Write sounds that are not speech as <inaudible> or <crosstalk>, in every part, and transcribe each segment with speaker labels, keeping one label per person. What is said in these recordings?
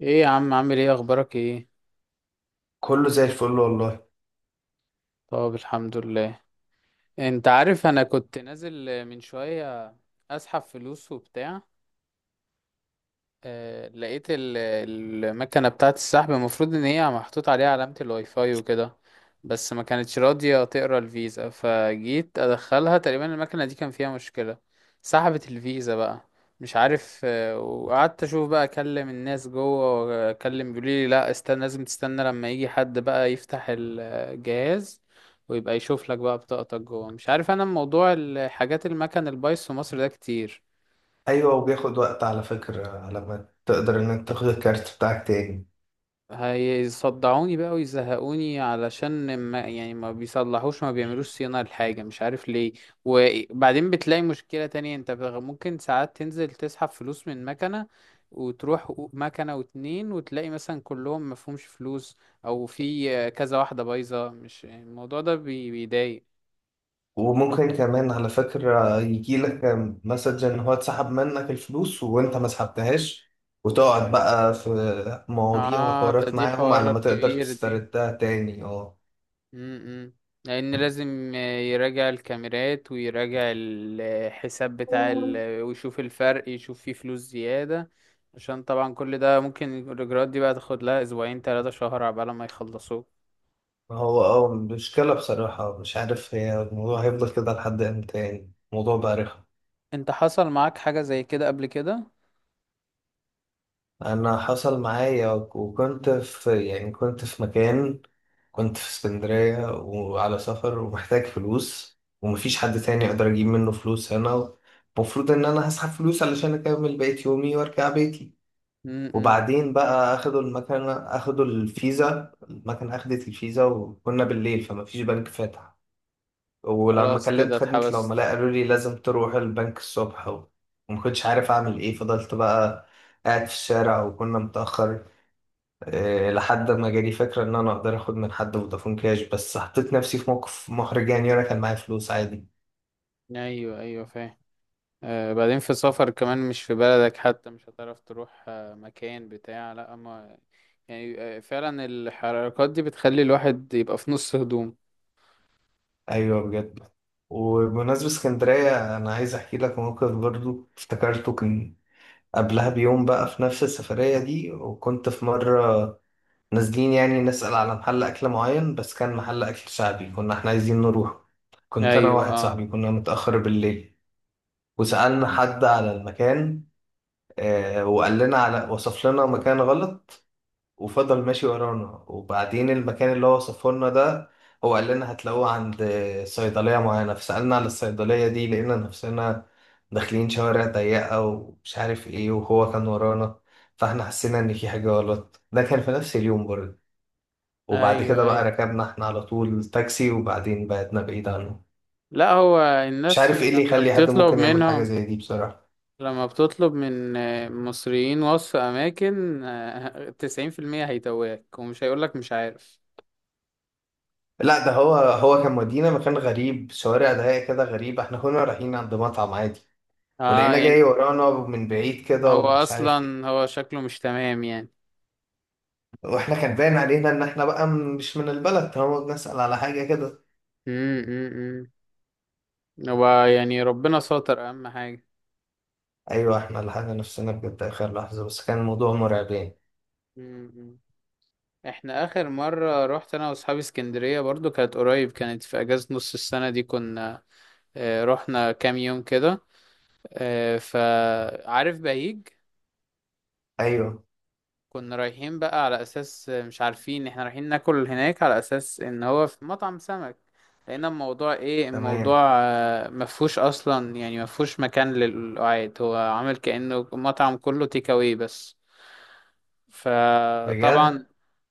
Speaker 1: ايه يا عم، عامل ايه، اخبارك ايه؟
Speaker 2: كله زي الفل والله.
Speaker 1: طب الحمد لله. انت عارف انا كنت نازل من شوية اسحب فلوس وبتاع. آه، لقيت ال- المكنة بتاعة السحب المفروض ان هي محطوط عليها علامة الواي فاي وكده. بس ما كانتش راضية تقرا الفيزا، فجيت ادخلها. تقريبا المكنة دي كان فيها مشكلة. سحبت الفيزا بقى. مش عارف. وقعدت اشوف بقى، اكلم الناس جوه، واكلم بيقولي لي لا استنى، لازم تستنى لما يجي حد بقى يفتح الجهاز ويبقى يشوف لك بقى بطاقتك جوه. مش عارف، انا موضوع الحاجات المكن البايظ في مصر ده كتير.
Speaker 2: ايوه، وبياخد وقت على فكرة على ما تقدر انك تاخد الكارت بتاعك تاني.
Speaker 1: هيصدعوني بقى ويزهقوني، علشان ما يعني ما بيصلحوش، ما بيعملوش صيانة لحاجة، مش عارف ليه. وبعدين بتلاقي مشكلة تانية، انت ممكن ساعات تنزل تسحب فلوس من مكنة، وتروح مكنة واتنين وتلاقي مثلا كلهم مفهومش فلوس، او في كذا واحدة بايظة. مش الموضوع ده بيضايق.
Speaker 2: وممكن كمان على فكرة يجيلك مسج ان هو اتسحب منك الفلوس وانت ما سحبتهاش، وتقعد بقى في مواضيع
Speaker 1: اه ده،
Speaker 2: وحوارات
Speaker 1: دي
Speaker 2: معاهم
Speaker 1: حوار
Speaker 2: على ما تقدر
Speaker 1: كبير دي.
Speaker 2: تستردها تاني. اه،
Speaker 1: امم لان لازم يراجع الكاميرات ويراجع الحساب ويشوف الفرق، يشوف فيه فلوس زيادة. عشان طبعا كل ده ممكن الاجراءات دي بقى تاخد لها اسبوعين 3 شهر عبال ما يخلصوه.
Speaker 2: ما هو اه مشكلة بصراحة. مش عارف هي الموضوع هيفضل كده لحد امتى، يعني الموضوع بقى رخم.
Speaker 1: انت حصل معاك حاجة زي كده قبل كده؟
Speaker 2: انا حصل معايا، وكنت في يعني كنت في مكان، كنت في اسكندرية وعلى سفر ومحتاج فلوس ومفيش حد تاني يقدر أجيب منه فلوس هنا. المفروض إن أنا هسحب فلوس علشان أكمل بقية يومي وأرجع بيتي.
Speaker 1: امم
Speaker 2: وبعدين بقى أخدوا المكنة، أخدوا الفيزا، المكنة أخدت الفيزا وكنا بالليل فمفيش بنك فاتح. ولما
Speaker 1: خلاص كده
Speaker 2: كلمت خدمة
Speaker 1: اتحبست.
Speaker 2: العملاء قالوا لي لازم تروح البنك الصبح. ومكنتش عارف أعمل إيه، فضلت بقى قاعد في الشارع وكنا متأخر، لحد ما جالي فكرة إن أنا أقدر آخد من حد فودافون كاش. بس حطيت نفسي في موقف محرج، يعني أنا كان معايا فلوس عادي.
Speaker 1: ايوه، ايوه فاهم. آه، بعدين في سفر كمان، مش في بلدك حتى، مش هتعرف تروح مكان بتاع، لا ما يعني. فعلا الحركات دي بتخلي الواحد يبقى في نص هدوم.
Speaker 2: أيوه، بجد. وبمناسبة اسكندرية أنا عايز أحكي لك موقف برضو افتكرته. كان قبلها بيوم بقى في نفس السفرية دي، وكنت في مرة نازلين يعني نسأل على محل أكل معين، بس كان محل أكل شعبي كنا إحنا عايزين نروح. كنت أنا
Speaker 1: ايوه،
Speaker 2: وواحد
Speaker 1: اه،
Speaker 2: صاحبي كنا متأخر بالليل. وسألنا حد على المكان، وقال لنا على وصف لنا مكان غلط. وفضل ماشي ورانا. وبعدين المكان اللي هو وصفه لنا ده، هو قال لنا هتلاقوه عند صيدلية معينة، فسألنا على الصيدلية دي، لقينا نفسنا داخلين شوارع ضيقة ومش عارف ايه، وهو كان ورانا. فاحنا حسينا ان في حاجة غلط. ده كان في نفس اليوم برضه. وبعد
Speaker 1: ايوه،
Speaker 2: كده بقى
Speaker 1: ايوه.
Speaker 2: ركبنا احنا على طول تاكسي وبعدين بعدنا بعيد عنه.
Speaker 1: لا، هو
Speaker 2: مش
Speaker 1: الناس
Speaker 2: عارف ايه اللي
Speaker 1: لما
Speaker 2: يخلي حد
Speaker 1: بتطلب
Speaker 2: ممكن يعمل حاجة
Speaker 1: منهم،
Speaker 2: زي دي بصراحة.
Speaker 1: لما بتطلب من مصريين وصف اماكن، 90% هيتوهك ومش هيقولك مش عارف.
Speaker 2: لا، ده هو كان مودينا مكان غريب، شوارع ضيقة كده غريبة، احنا كنا رايحين عند مطعم عادي.
Speaker 1: اه
Speaker 2: ولقينا جاي
Speaker 1: يعني.
Speaker 2: ورانا من بعيد كده،
Speaker 1: هو
Speaker 2: ومش عارف ايه.
Speaker 1: اصلا هو شكله مش تمام يعني.
Speaker 2: واحنا كان باين علينا ان احنا بقى مش من البلد طالما نسأل على حاجة كده.
Speaker 1: امم امم هو يعني ربنا ساتر اهم حاجة.
Speaker 2: ايوه، احنا لحقنا نفسنا بجد اخر لحظة، بس كان الموضوع مرعب يعني.
Speaker 1: امم احنا اخر مرة رحت انا واصحابي اسكندرية برضو، كانت قريب، كانت في اجازة نص السنة دي، كنا رحنا كام يوم كده. فعارف بهيج.
Speaker 2: ايوه.
Speaker 1: كنا رايحين بقى على اساس مش عارفين، احنا رايحين ناكل هناك على اساس ان هو في مطعم سمك. لقينا الموضوع ايه؟ الموضوع
Speaker 2: تمام.
Speaker 1: مفهوش اصلا، يعني مفهوش مكان للقعاد، هو عامل كأنه مطعم كله تيك اواي بس.
Speaker 2: بجد.
Speaker 1: فطبعا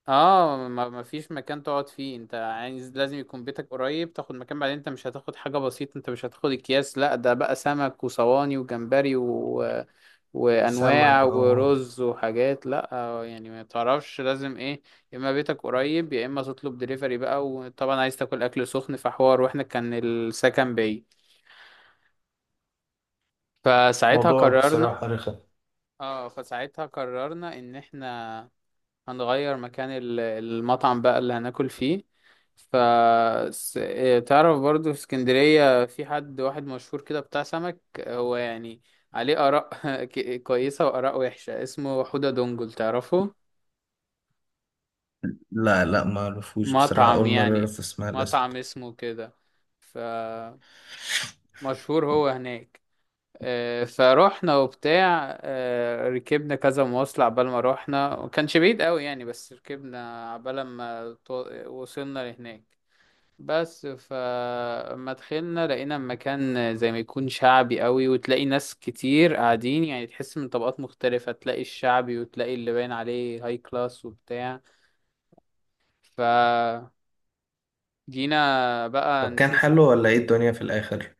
Speaker 1: اه، ما فيش مكان تقعد فيه، انت عايز لازم يكون بيتك قريب تاخد مكان. بعدين انت مش هتاخد حاجة بسيطة، انت مش هتاخد اكياس، لا ده بقى سمك وصواني وجمبري وانواع
Speaker 2: سمك، اه.
Speaker 1: ورز وحاجات، لا. يعني ما تعرفش لازم ايه، يا اما بيتك قريب يا اما تطلب دليفري بقى، وطبعا عايز تاكل اكل سخن، فحوار. واحنا كان السكن بعيد، فساعتها
Speaker 2: موضوع
Speaker 1: قررنا.
Speaker 2: بصراحة رخم.
Speaker 1: اه فساعتها قررنا ان احنا هنغير مكان المطعم بقى اللي هناكل فيه. ف س- إيه، تعرف برضو في اسكندرية في حد واحد مشهور كده بتاع سمك، هو يعني عليه آراء <laughs> كويسة وآراء وحشة. اسمه حودة دونجل، تعرفه؟
Speaker 2: لا لا، ما اعرفوش بصراحة،
Speaker 1: مطعم
Speaker 2: اول مرة
Speaker 1: يعني،
Speaker 2: اعرف اسمع الاسم.
Speaker 1: مطعم اسمه كده، فمشهور هو هناك. فروحنا وبتاع، ركبنا كذا مواصلة عبال ما روحنا، وكانش بعيد قوي يعني، بس ركبنا عبال ما وصلنا لهناك بس. فما دخلنا لقينا مكان زي ما يكون شعبي قوي، وتلاقي ناس كتير قاعدين يعني، تحس من طبقات مختلفة، تلاقي الشعبي وتلاقي اللي باين عليه هاي كلاس وبتاع. فجينا بقى
Speaker 2: طب كان
Speaker 1: نشوف.
Speaker 2: حلو ولا ايه الدنيا في الاخر؟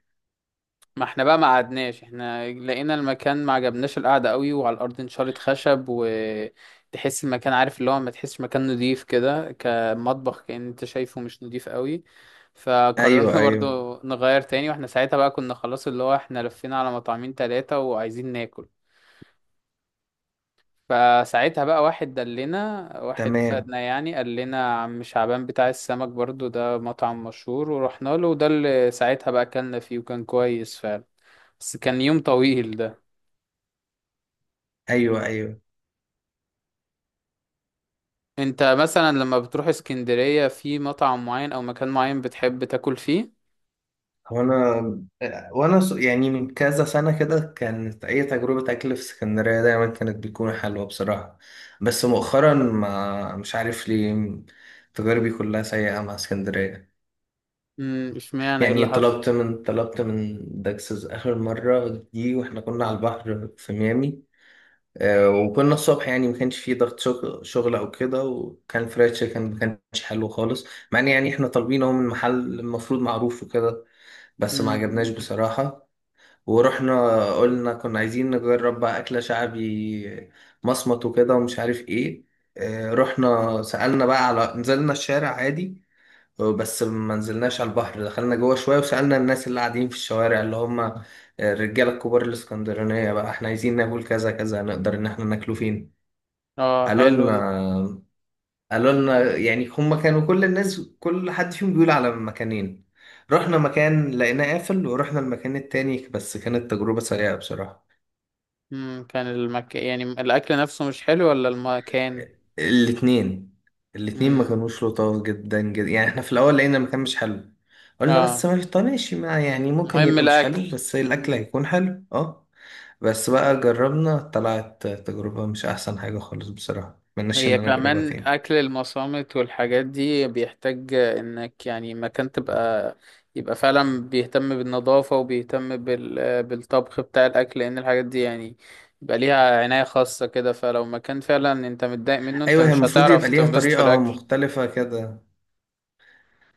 Speaker 1: ما احنا بقى ما قعدناش، احنا لقينا المكان ما عجبناش، القعدة قوي وعلى الأرض نشارة خشب، وتحس المكان عارف اللي هو ما تحسش مكان نضيف كده، كمطبخ كأن انت شايفه مش نضيف قوي.
Speaker 2: ايوه
Speaker 1: فقررنا <laughs>
Speaker 2: ايوه.
Speaker 1: برضو نغير تاني، واحنا ساعتها بقى كنا خلاص اللي هو احنا لفينا على مطعمين تلاتة وعايزين ناكل. فساعتها بقى واحد دلنا، واحد
Speaker 2: تمام.
Speaker 1: فادنا يعني، قال لنا عم شعبان بتاع السمك برضو، ده مطعم مشهور، ورحنا له، وده اللي ساعتها بقى أكلنا فيه وكان كويس فعلا. بس كان يوم طويل ده.
Speaker 2: ايوه ايوه.
Speaker 1: انت مثلا لما بتروح اسكندرية في مطعم معين او مكان معين بتحب تاكل فيه؟
Speaker 2: وانا وانا يعني من كذا سنة كده كانت اي تجربة اكل في اسكندرية دايما كانت بتكون حلوة بصراحة. بس مؤخرا ما مش عارف ليه، تجاربي كلها سيئة مع اسكندرية.
Speaker 1: امم، اشمعنى؟ ايه
Speaker 2: يعني
Speaker 1: اللي حصل؟
Speaker 2: طلبت من داكسز اخر مرة دي، واحنا كنا على البحر في ميامي. وكنا الصبح، يعني ما كانش فيه ضغط شغل او كده، وكان فرايد تشيكن ما كانش حلو خالص، مع ان يعني احنا طالبينه من محل المفروض معروف وكده. بس ما عجبناش
Speaker 1: امم.
Speaker 2: بصراحة. ورحنا قلنا كنا عايزين نجرب بقى أكلة شعبي مصمت وكده ومش عارف إيه. رحنا سألنا بقى على نزلنا الشارع عادي بس ما نزلناش على البحر، دخلنا جوه شوية وسألنا الناس اللي قاعدين في الشوارع، اللي هم الرجالة الكبار الإسكندرانية، بقى إحنا عايزين ناكل كذا كذا نقدر إن إحنا ناكله فين.
Speaker 1: اه
Speaker 2: قالوا
Speaker 1: حلو ده.
Speaker 2: لنا قالوا لنا يعني هم كانوا كل الناس كل حد فيهم بيقول على مكانين. رحنا مكان لقيناه قافل، ورحنا المكان التاني بس كانت تجربة سيئة بصراحة.
Speaker 1: امم، كان يعني الاكل نفسه مش حلو ولا المكان؟
Speaker 2: الاتنين. الاتنين ما
Speaker 1: امم،
Speaker 2: كانوش لطاف جدا جدا، يعني احنا في الاول لقينا المكان مش حلو. قلنا بس
Speaker 1: اه،
Speaker 2: ما، طب ماشي، ما يعني ممكن
Speaker 1: مهم
Speaker 2: يبقى مش
Speaker 1: الاكل.
Speaker 2: حلو بس الاكل هيكون حلو، اه. بس بقى جربنا طلعت تجربة مش احسن حاجة خالص بصراحة، مناش
Speaker 1: هي
Speaker 2: ان انا اجربها
Speaker 1: كمان
Speaker 2: تاني.
Speaker 1: أكل المصامت والحاجات دي بيحتاج إنك يعني مكان تبقى، يبقى فعلا بيهتم بالنظافة وبيهتم بالطبخ بتاع الأكل، لأن الحاجات دي يعني يبقى ليها عناية خاصة كده. فلو مكان فعلا أنت متضايق منه، أنت
Speaker 2: ايوه، هي
Speaker 1: مش
Speaker 2: المفروض
Speaker 1: هتعرف
Speaker 2: يبقى ليها
Speaker 1: تنبسط في
Speaker 2: طريقة
Speaker 1: الأكل.
Speaker 2: مختلفة كده.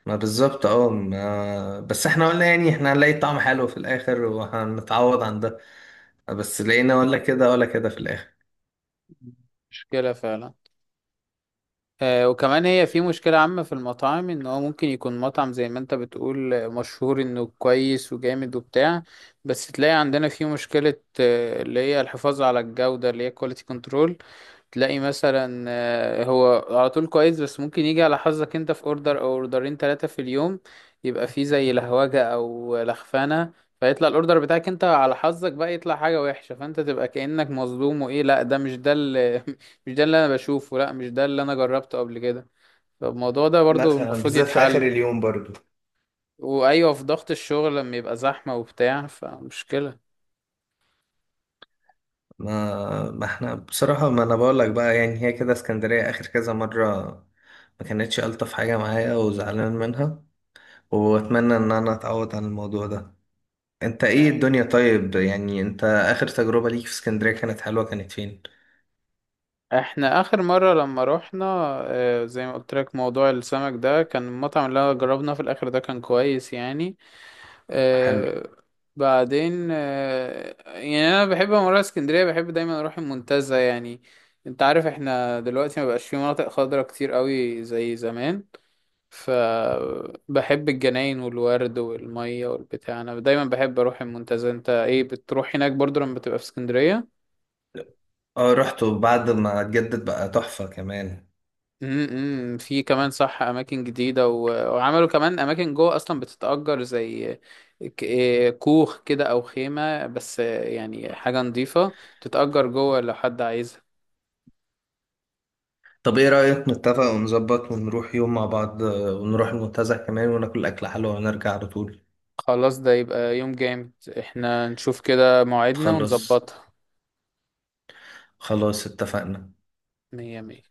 Speaker 2: ما بالظبط اه، ما بس احنا قلنا يعني احنا هنلاقي طعم حلو في الاخر وهنتعوض عن ده، بس لقينا ولا كده ولا كده في الاخر.
Speaker 1: مشكلة فعلا. وكمان هي في مشكلة عامة في المطاعم، ان هو ممكن يكون مطعم زي ما انت بتقول مشهور انه كويس وجامد وبتاع، بس تلاقي عندنا في مشكلة، اللي هي الحفاظ على الجودة اللي هي كواليتي كنترول. تلاقي مثلا هو على طول كويس، بس ممكن يجي على حظك انت، في اوردر او اوردرين ثلاثة في اليوم يبقى فيه زي لهوجة او لخفانة، فيطلع الاوردر بتاعك انت على حظك بقى، يطلع حاجة وحشة، فانت تبقى كأنك مظلوم، وايه لا ده مش ده اللي <laughs> مش ده اللي انا بشوفه، لا مش ده اللي انا جربته قبل كده. فالموضوع ده برضو
Speaker 2: مثلا
Speaker 1: المفروض
Speaker 2: بالذات في اخر
Speaker 1: يتحل.
Speaker 2: اليوم برضو.
Speaker 1: وايوه، في ضغط الشغل لما يبقى زحمة وبتاع، فمشكلة.
Speaker 2: ما احنا بصراحة ما انا بقول لك بقى، يعني هي كده اسكندرية اخر كذا مرة ما كانتش الطف حاجة معايا وزعلان منها، واتمنى ان انا اتعود عن الموضوع ده. انت ايه الدنيا، طيب؟ يعني انت اخر تجربة ليك في اسكندرية كانت حلوة كانت فين؟
Speaker 1: احنا اخر مرة لما روحنا، زي ما قلت لك موضوع السمك ده، كان المطعم اللي أنا جربناه في الاخر ده كان كويس يعني.
Speaker 2: حلو.
Speaker 1: آه، بعدين آه، يعني انا بحب لما اروح اسكندرية، بحب دايما اروح المنتزه يعني. انت عارف احنا دلوقتي ما بقاش في مناطق خضراء كتير قوي زي زمان، فبحب الجناين والورد والمية والبتاع، انا دايما بحب اروح المنتزه. انت ايه، بتروح هناك برضو لما بتبقى في اسكندرية؟
Speaker 2: اه، رحت وبعد ما اتجدد بقى تحفة كمان.
Speaker 1: امم، في كمان صح اماكن جديده وعملوا كمان اماكن جوه اصلا بتتاجر، زي ك... إيه كوخ كده او خيمه، بس يعني حاجه نظيفه تتاجر جوه لو حد عايزها.
Speaker 2: طب ايه رأيك نتفق ونظبط ونروح يوم مع بعض، ونروح المنتزه كمان وناكل اكل حلو ونرجع على طول.
Speaker 1: خلاص ده يبقى يوم جامد. احنا نشوف كده موعدنا
Speaker 2: خلاص.
Speaker 1: ونظبطها.
Speaker 2: خلاص اتفقنا.
Speaker 1: مية مية.